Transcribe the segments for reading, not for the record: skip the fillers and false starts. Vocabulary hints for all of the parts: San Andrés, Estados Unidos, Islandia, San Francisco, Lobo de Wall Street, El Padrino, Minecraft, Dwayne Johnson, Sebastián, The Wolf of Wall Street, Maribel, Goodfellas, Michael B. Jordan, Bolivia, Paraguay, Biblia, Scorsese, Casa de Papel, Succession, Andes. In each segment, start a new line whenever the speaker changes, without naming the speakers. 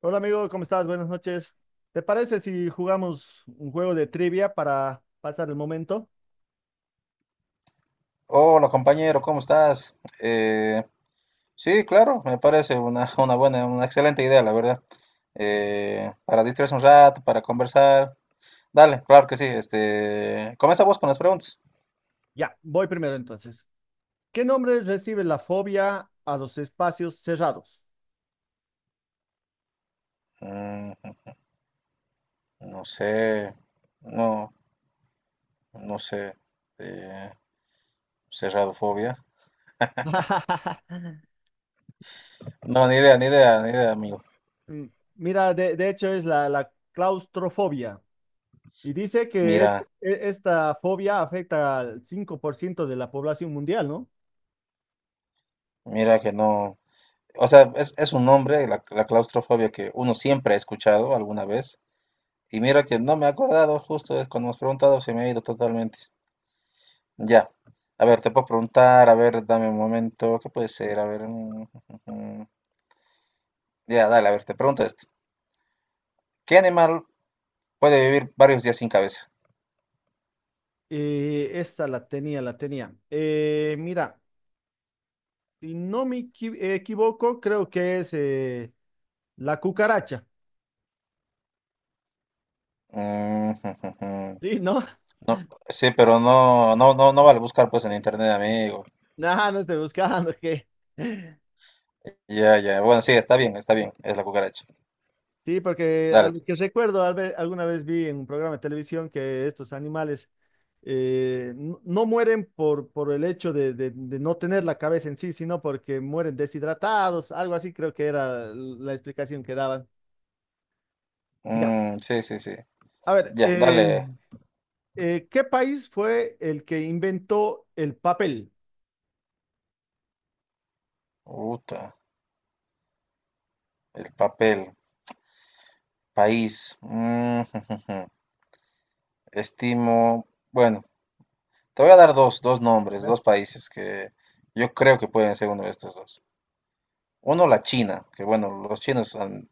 Hola amigo, ¿cómo estás? Buenas noches. ¿Te parece si jugamos un juego de trivia para pasar el momento?
Hola compañero, ¿cómo estás? Sí, claro, me parece una, una buena, una excelente idea, la verdad. Para distraerse un rato, para conversar. Dale, claro que sí. Este, comienza vos con las preguntas.
Ya, voy primero entonces. ¿Qué nombre recibe la fobia a los espacios cerrados?
Mm, no sé, no, no sé. Eh, cerradofobia. No, ni idea, ni idea, ni idea, amigo.
Mm, Mira, de hecho es la claustrofobia y dice que
Mira,
esta fobia afecta al 5% de la población mundial, ¿no?
mira que no. O sea, es un nombre, la claustrofobia que uno siempre ha escuchado alguna vez. Y mira que no me he acordado, justo es cuando me has preguntado se me ha ido totalmente. Ya. A ver, te puedo preguntar, a ver, dame un momento, ¿qué puede ser? A ver. Mm, Ya, dale, a ver, te pregunto esto. ¿Qué animal puede vivir varios días sin cabeza?
Esta la tenía, la tenía. Mira, si no me equivoco, creo que es la cucaracha.
Mm,
Sí, ¿no?
no, sí, pero no, no, no, no vale buscar pues en internet, amigo.
Nada, no estoy buscando, ¿qué?
Ya, ya. Bueno, sí, está bien, está bien. Es la cucaracha.
Sí, porque a
Dale.
lo que recuerdo, alguna vez vi en un programa de televisión que estos animales no, no mueren por el hecho de no tener la cabeza en sí, sino porque mueren deshidratados, algo así creo que era la explicación que daban. Ya,
Mm, sí, sí, sí.
a ver,
Ya, dale.
¿qué país fue el que inventó el papel?
Uta, el papel. País. Mm, estimo, bueno, te voy a dar dos, dos nombres, dos países que yo creo que pueden ser uno de estos dos. Uno, la China, que bueno, los chinos han,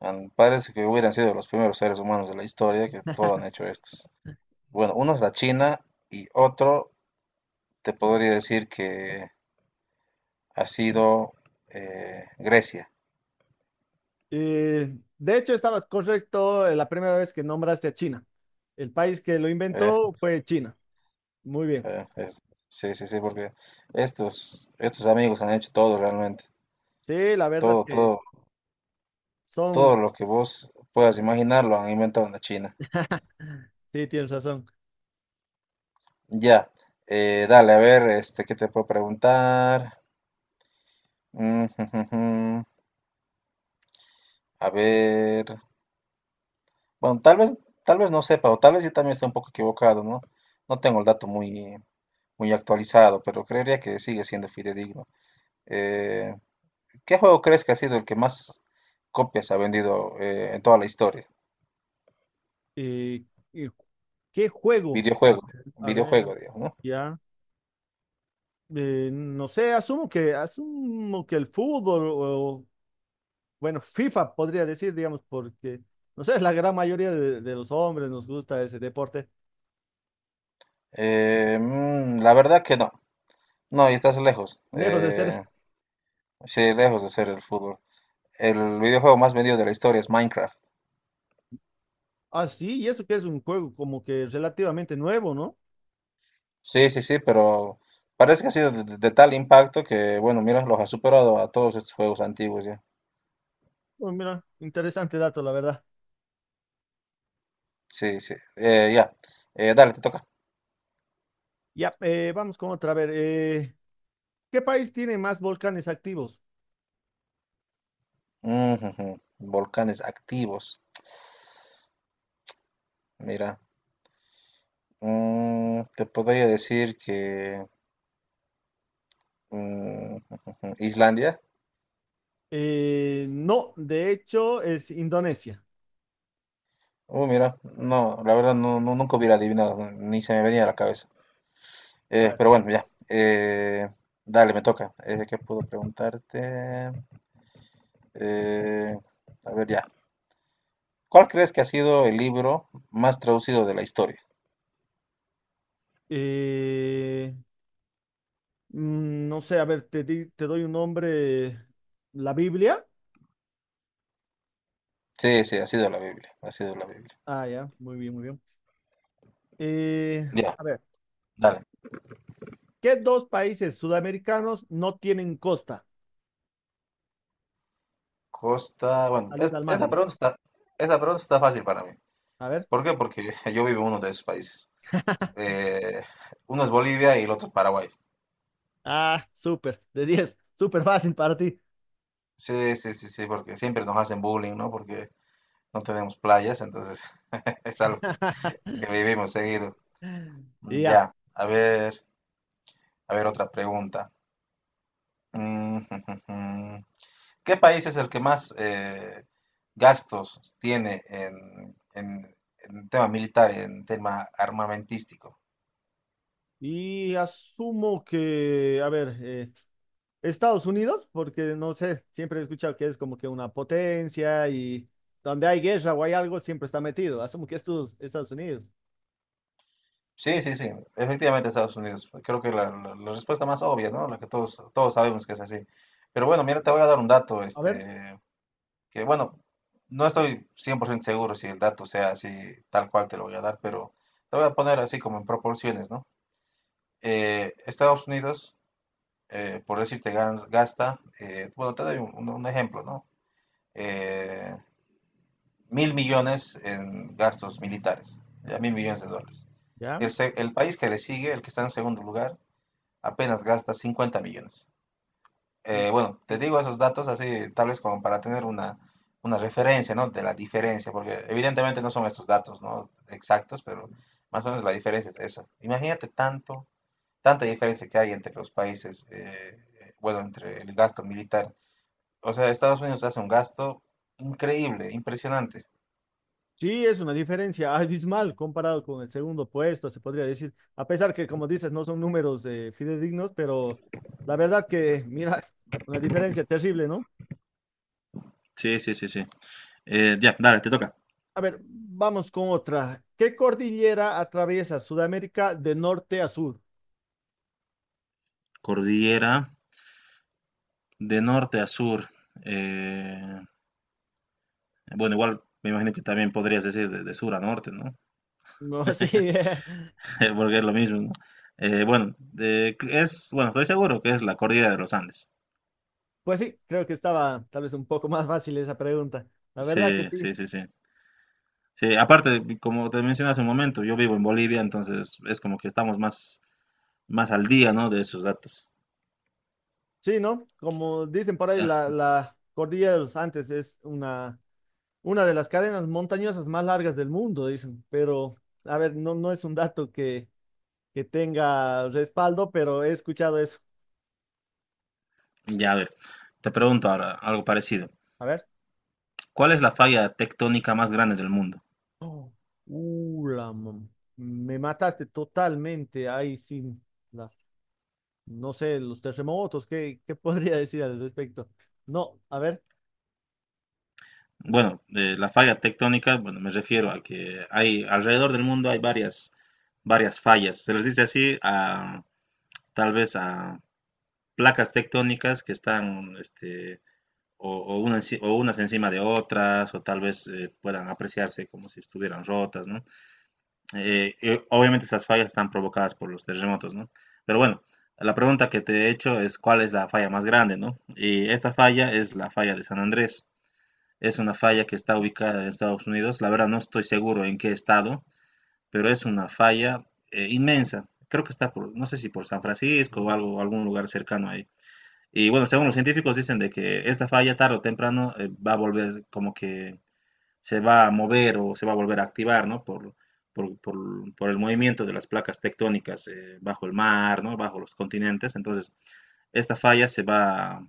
han- parece que hubieran sido los primeros seres humanos de la historia que todo han hecho estos. Bueno, uno es la China y otro te podría decir que ha sido Grecia.
De hecho, estabas correcto, la primera vez que nombraste a China. El país que lo
Eh,
inventó fue China. Muy bien.
eh, es- sí, sí, sí, porque estos, estos amigos han hecho todo realmente,
Sí, la verdad
todo,
que
todo, todo
son,
lo que vos puedas imaginar lo han inventado en la China.
sí, tienes razón.
Ya, dale, a ver, este, ¿qué te puedo preguntar? Mm, jujujú, a ver, bueno, tal vez no sepa, o tal vez yo también esté un poco equivocado, ¿no? No tengo el dato muy, muy actualizado, pero creería que sigue siendo fidedigno. Eh, ¿Qué juego crees que ha sido el que más copias ha vendido en toda la historia?
Eh, eh, ¿Qué juego?
Videojuego,
A ver,
videojuego, digamos, ¿no?
ya. No sé, asumo que el fútbol o, bueno, FIFA podría decir, digamos, porque no sé, la gran mayoría de los hombres nos gusta ese deporte.
La verdad que no, no, y estás lejos,
Lejos de ser
sí, lejos de ser el fútbol. El videojuego más vendido de la historia es Minecraft.
así, y eso que es un juego como que relativamente nuevo, ¿no?
Sí, sí, sí, pero parece que ha sido de, de tal impacto que, bueno, mira, los ha superado a todos estos juegos antiguos ya.
Oh, mira, interesante dato, la verdad.
Sí, sí. Ya. Dale, te toca.
Ya, vamos con otra. A ver, ¿qué país tiene más volcanes activos?
Ujujú. Volcanes activos. Mira. Te podría decir que mm, Islandia.
No, de hecho es Indonesia.
Mira, no, la verdad no, nunca hubiera adivinado, ni se me venía a la cabeza.
A ver,
Pero bueno,
¿cuántos?
ya. Dale, me toca. ¿Qué puedo preguntarte? Eh, a ver, ya. ¿Cuál crees que ha sido el libro más traducido de la historia?
Eh, no sé, a ver, te doy un nombre. ¿La Biblia?
Sí, sí, ha sido la Biblia, ha sido la Biblia.
Ah, ya, muy bien, muy bien. Eh,
Ya,
a ver,
dale.
¿qué dos países sudamericanos no tienen costa?
Costa, bueno,
Salida al mar, digamos.
esa pregunta está fácil para mí.
A ver.
¿Por qué? Porque yo vivo en uno de esos países. Eh, uno es Bolivia y el otro es Paraguay.
Ah, súper, de diez. Súper fácil para ti.
Sí, sí, sí, sí, porque siempre nos hacen bullying, ¿no? Porque no tenemos playas, entonces es algo que vivimos seguido.
Ya.
Ya, a ver otra pregunta. Mm, ¿qué país es el que más gastos tiene en tema militar, en tema armamentístico?
Y asumo que, a ver, Estados Unidos, porque no sé, siempre he escuchado que es como que una potencia y donde hay guerra o hay algo, siempre está metido. Asumo que estos Estados Unidos.
Sí, sí, sí, efectivamente Estados Unidos. Creo que la, la respuesta más obvia, ¿no? La que todos, todos sabemos que es así. Pero bueno, mira, te voy a dar un dato,
A ver,
este, que bueno, no estoy 100% seguro si el dato sea así, tal cual te lo voy a dar, pero te voy a poner así como en proporciones, ¿no? Estados Unidos, por decirte, gasta, bueno, te doy un, un ejemplo, ¿no? eh, 1.000.000.000 en gastos militares, ya 1.000.000.000 de dólares.
ya.
El, el país que le sigue, el que está en segundo lugar, apenas gasta 50.000.000. Bueno, te
Eh,
digo esos datos así, tal vez como para tener una referencia, ¿no? De la diferencia, porque evidentemente no son estos datos, ¿no? Exactos, pero más o menos la diferencia es esa. Imagínate tanto, tanta diferencia que hay entre los países, bueno, entre el gasto militar. O sea, Estados Unidos hace un gasto increíble, impresionante.
sí, es una diferencia abismal comparado con el segundo puesto, se podría decir. A pesar que, como dices, no son números fidedignos, pero la verdad que, mira, una diferencia terrible, ¿no?
Sí, sí, sí, sí. Ya, dale, te toca.
A ver, vamos con otra. ¿Qué cordillera atraviesa Sudamérica de norte a sur?
Cordillera de norte a sur. Eh, bueno, igual me imagino que también podrías decir de sur a norte, ¿no?
No, sí,
Porque es lo mismo, ¿no? Bueno, es, bueno, estoy seguro que es la cordillera de los Andes.
pues sí, creo que estaba tal vez un poco más fácil esa pregunta. La verdad que
Sí,
sí.
sí, sí, sí. Sí, aparte, como te mencioné hace un momento, yo vivo en Bolivia, entonces es como que estamos más, más al día, ¿no? De esos datos.
Sí, ¿no? Como dicen por ahí, la,
Ah,
la cordillera de los Andes es una de las cadenas montañosas más largas del mundo, dicen. Pero, a ver, no, no es un dato que tenga respaldo, pero he escuchado eso.
ya, a ver, te pregunto ahora algo parecido.
A ver.
¿Cuál es la falla tectónica más grande del mundo?
Oh, uh, la mam- me mataste totalmente. Ay, sin la- no sé, los terremotos, ¿qué podría decir al respecto? No, a ver,
Bueno, de la falla tectónica, bueno, me refiero a que hay alrededor del mundo hay varias, varias fallas. Se les dice así a tal vez a placas tectónicas que están este, o una o unas encima de otras, o tal vez puedan apreciarse como si estuvieran rotas, ¿no? Obviamente esas fallas están provocadas por los terremotos, ¿no? Pero bueno, la pregunta que te he hecho es cuál es la falla más grande, ¿no? Y esta falla es la falla de San Andrés. Es una falla que está ubicada en Estados Unidos. La verdad no estoy seguro en qué estado, pero es una falla inmensa. Creo que está por, no sé si por San Francisco o algo, algún lugar cercano ahí. Y bueno, según los científicos dicen de que esta falla tarde o temprano va a volver como que se va a mover o se va a volver a activar, ¿no? Por, por, por el movimiento de las placas tectónicas bajo el mar, ¿no? Bajo los continentes. Entonces, esta falla se va,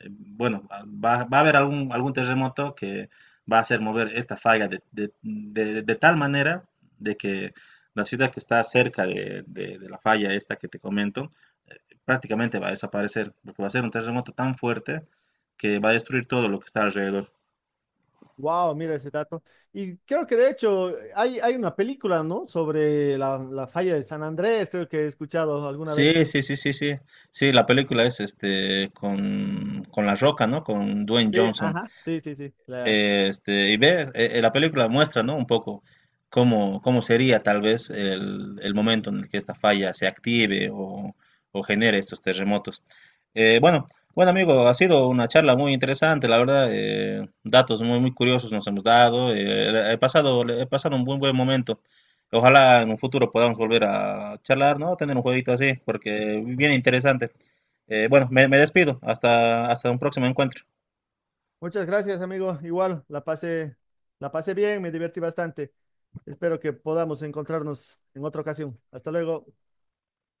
bueno, va, va a haber algún, algún terremoto que va a hacer mover esta falla de, de tal manera de que la ciudad que está cerca de, de la falla esta que te comento, prácticamente va a desaparecer, porque va a ser un terremoto tan fuerte que va a destruir todo lo que está alrededor.
wow, mira ese dato. Y creo que de hecho hay, hay una película, ¿no? Sobre la falla de San Andrés, creo que he escuchado alguna vez.
Sí, sí, sí, sí, sí. Sí, la película es este con La Roca, ¿no? Con Dwayne
Sí,
Johnson.
ajá, sí, sí, sí. La-
Este, y ves, la película muestra, ¿no? Un poco cómo, cómo sería tal vez el momento en el que esta falla se active o genere estos terremotos. Eh, bueno, bueno amigo, ha sido una charla muy interesante, la verdad, datos muy, muy curiosos nos hemos dado, he pasado un buen, buen momento. Ojalá en un futuro podamos volver a charlar, ¿no? Tener un jueguito así, porque bien interesante. Bueno, me, me despido, hasta, hasta un próximo encuentro.
Muchas gracias, amigo. Igual, la pasé bien, me divertí bastante. Espero que podamos encontrarnos en otra ocasión. Hasta luego.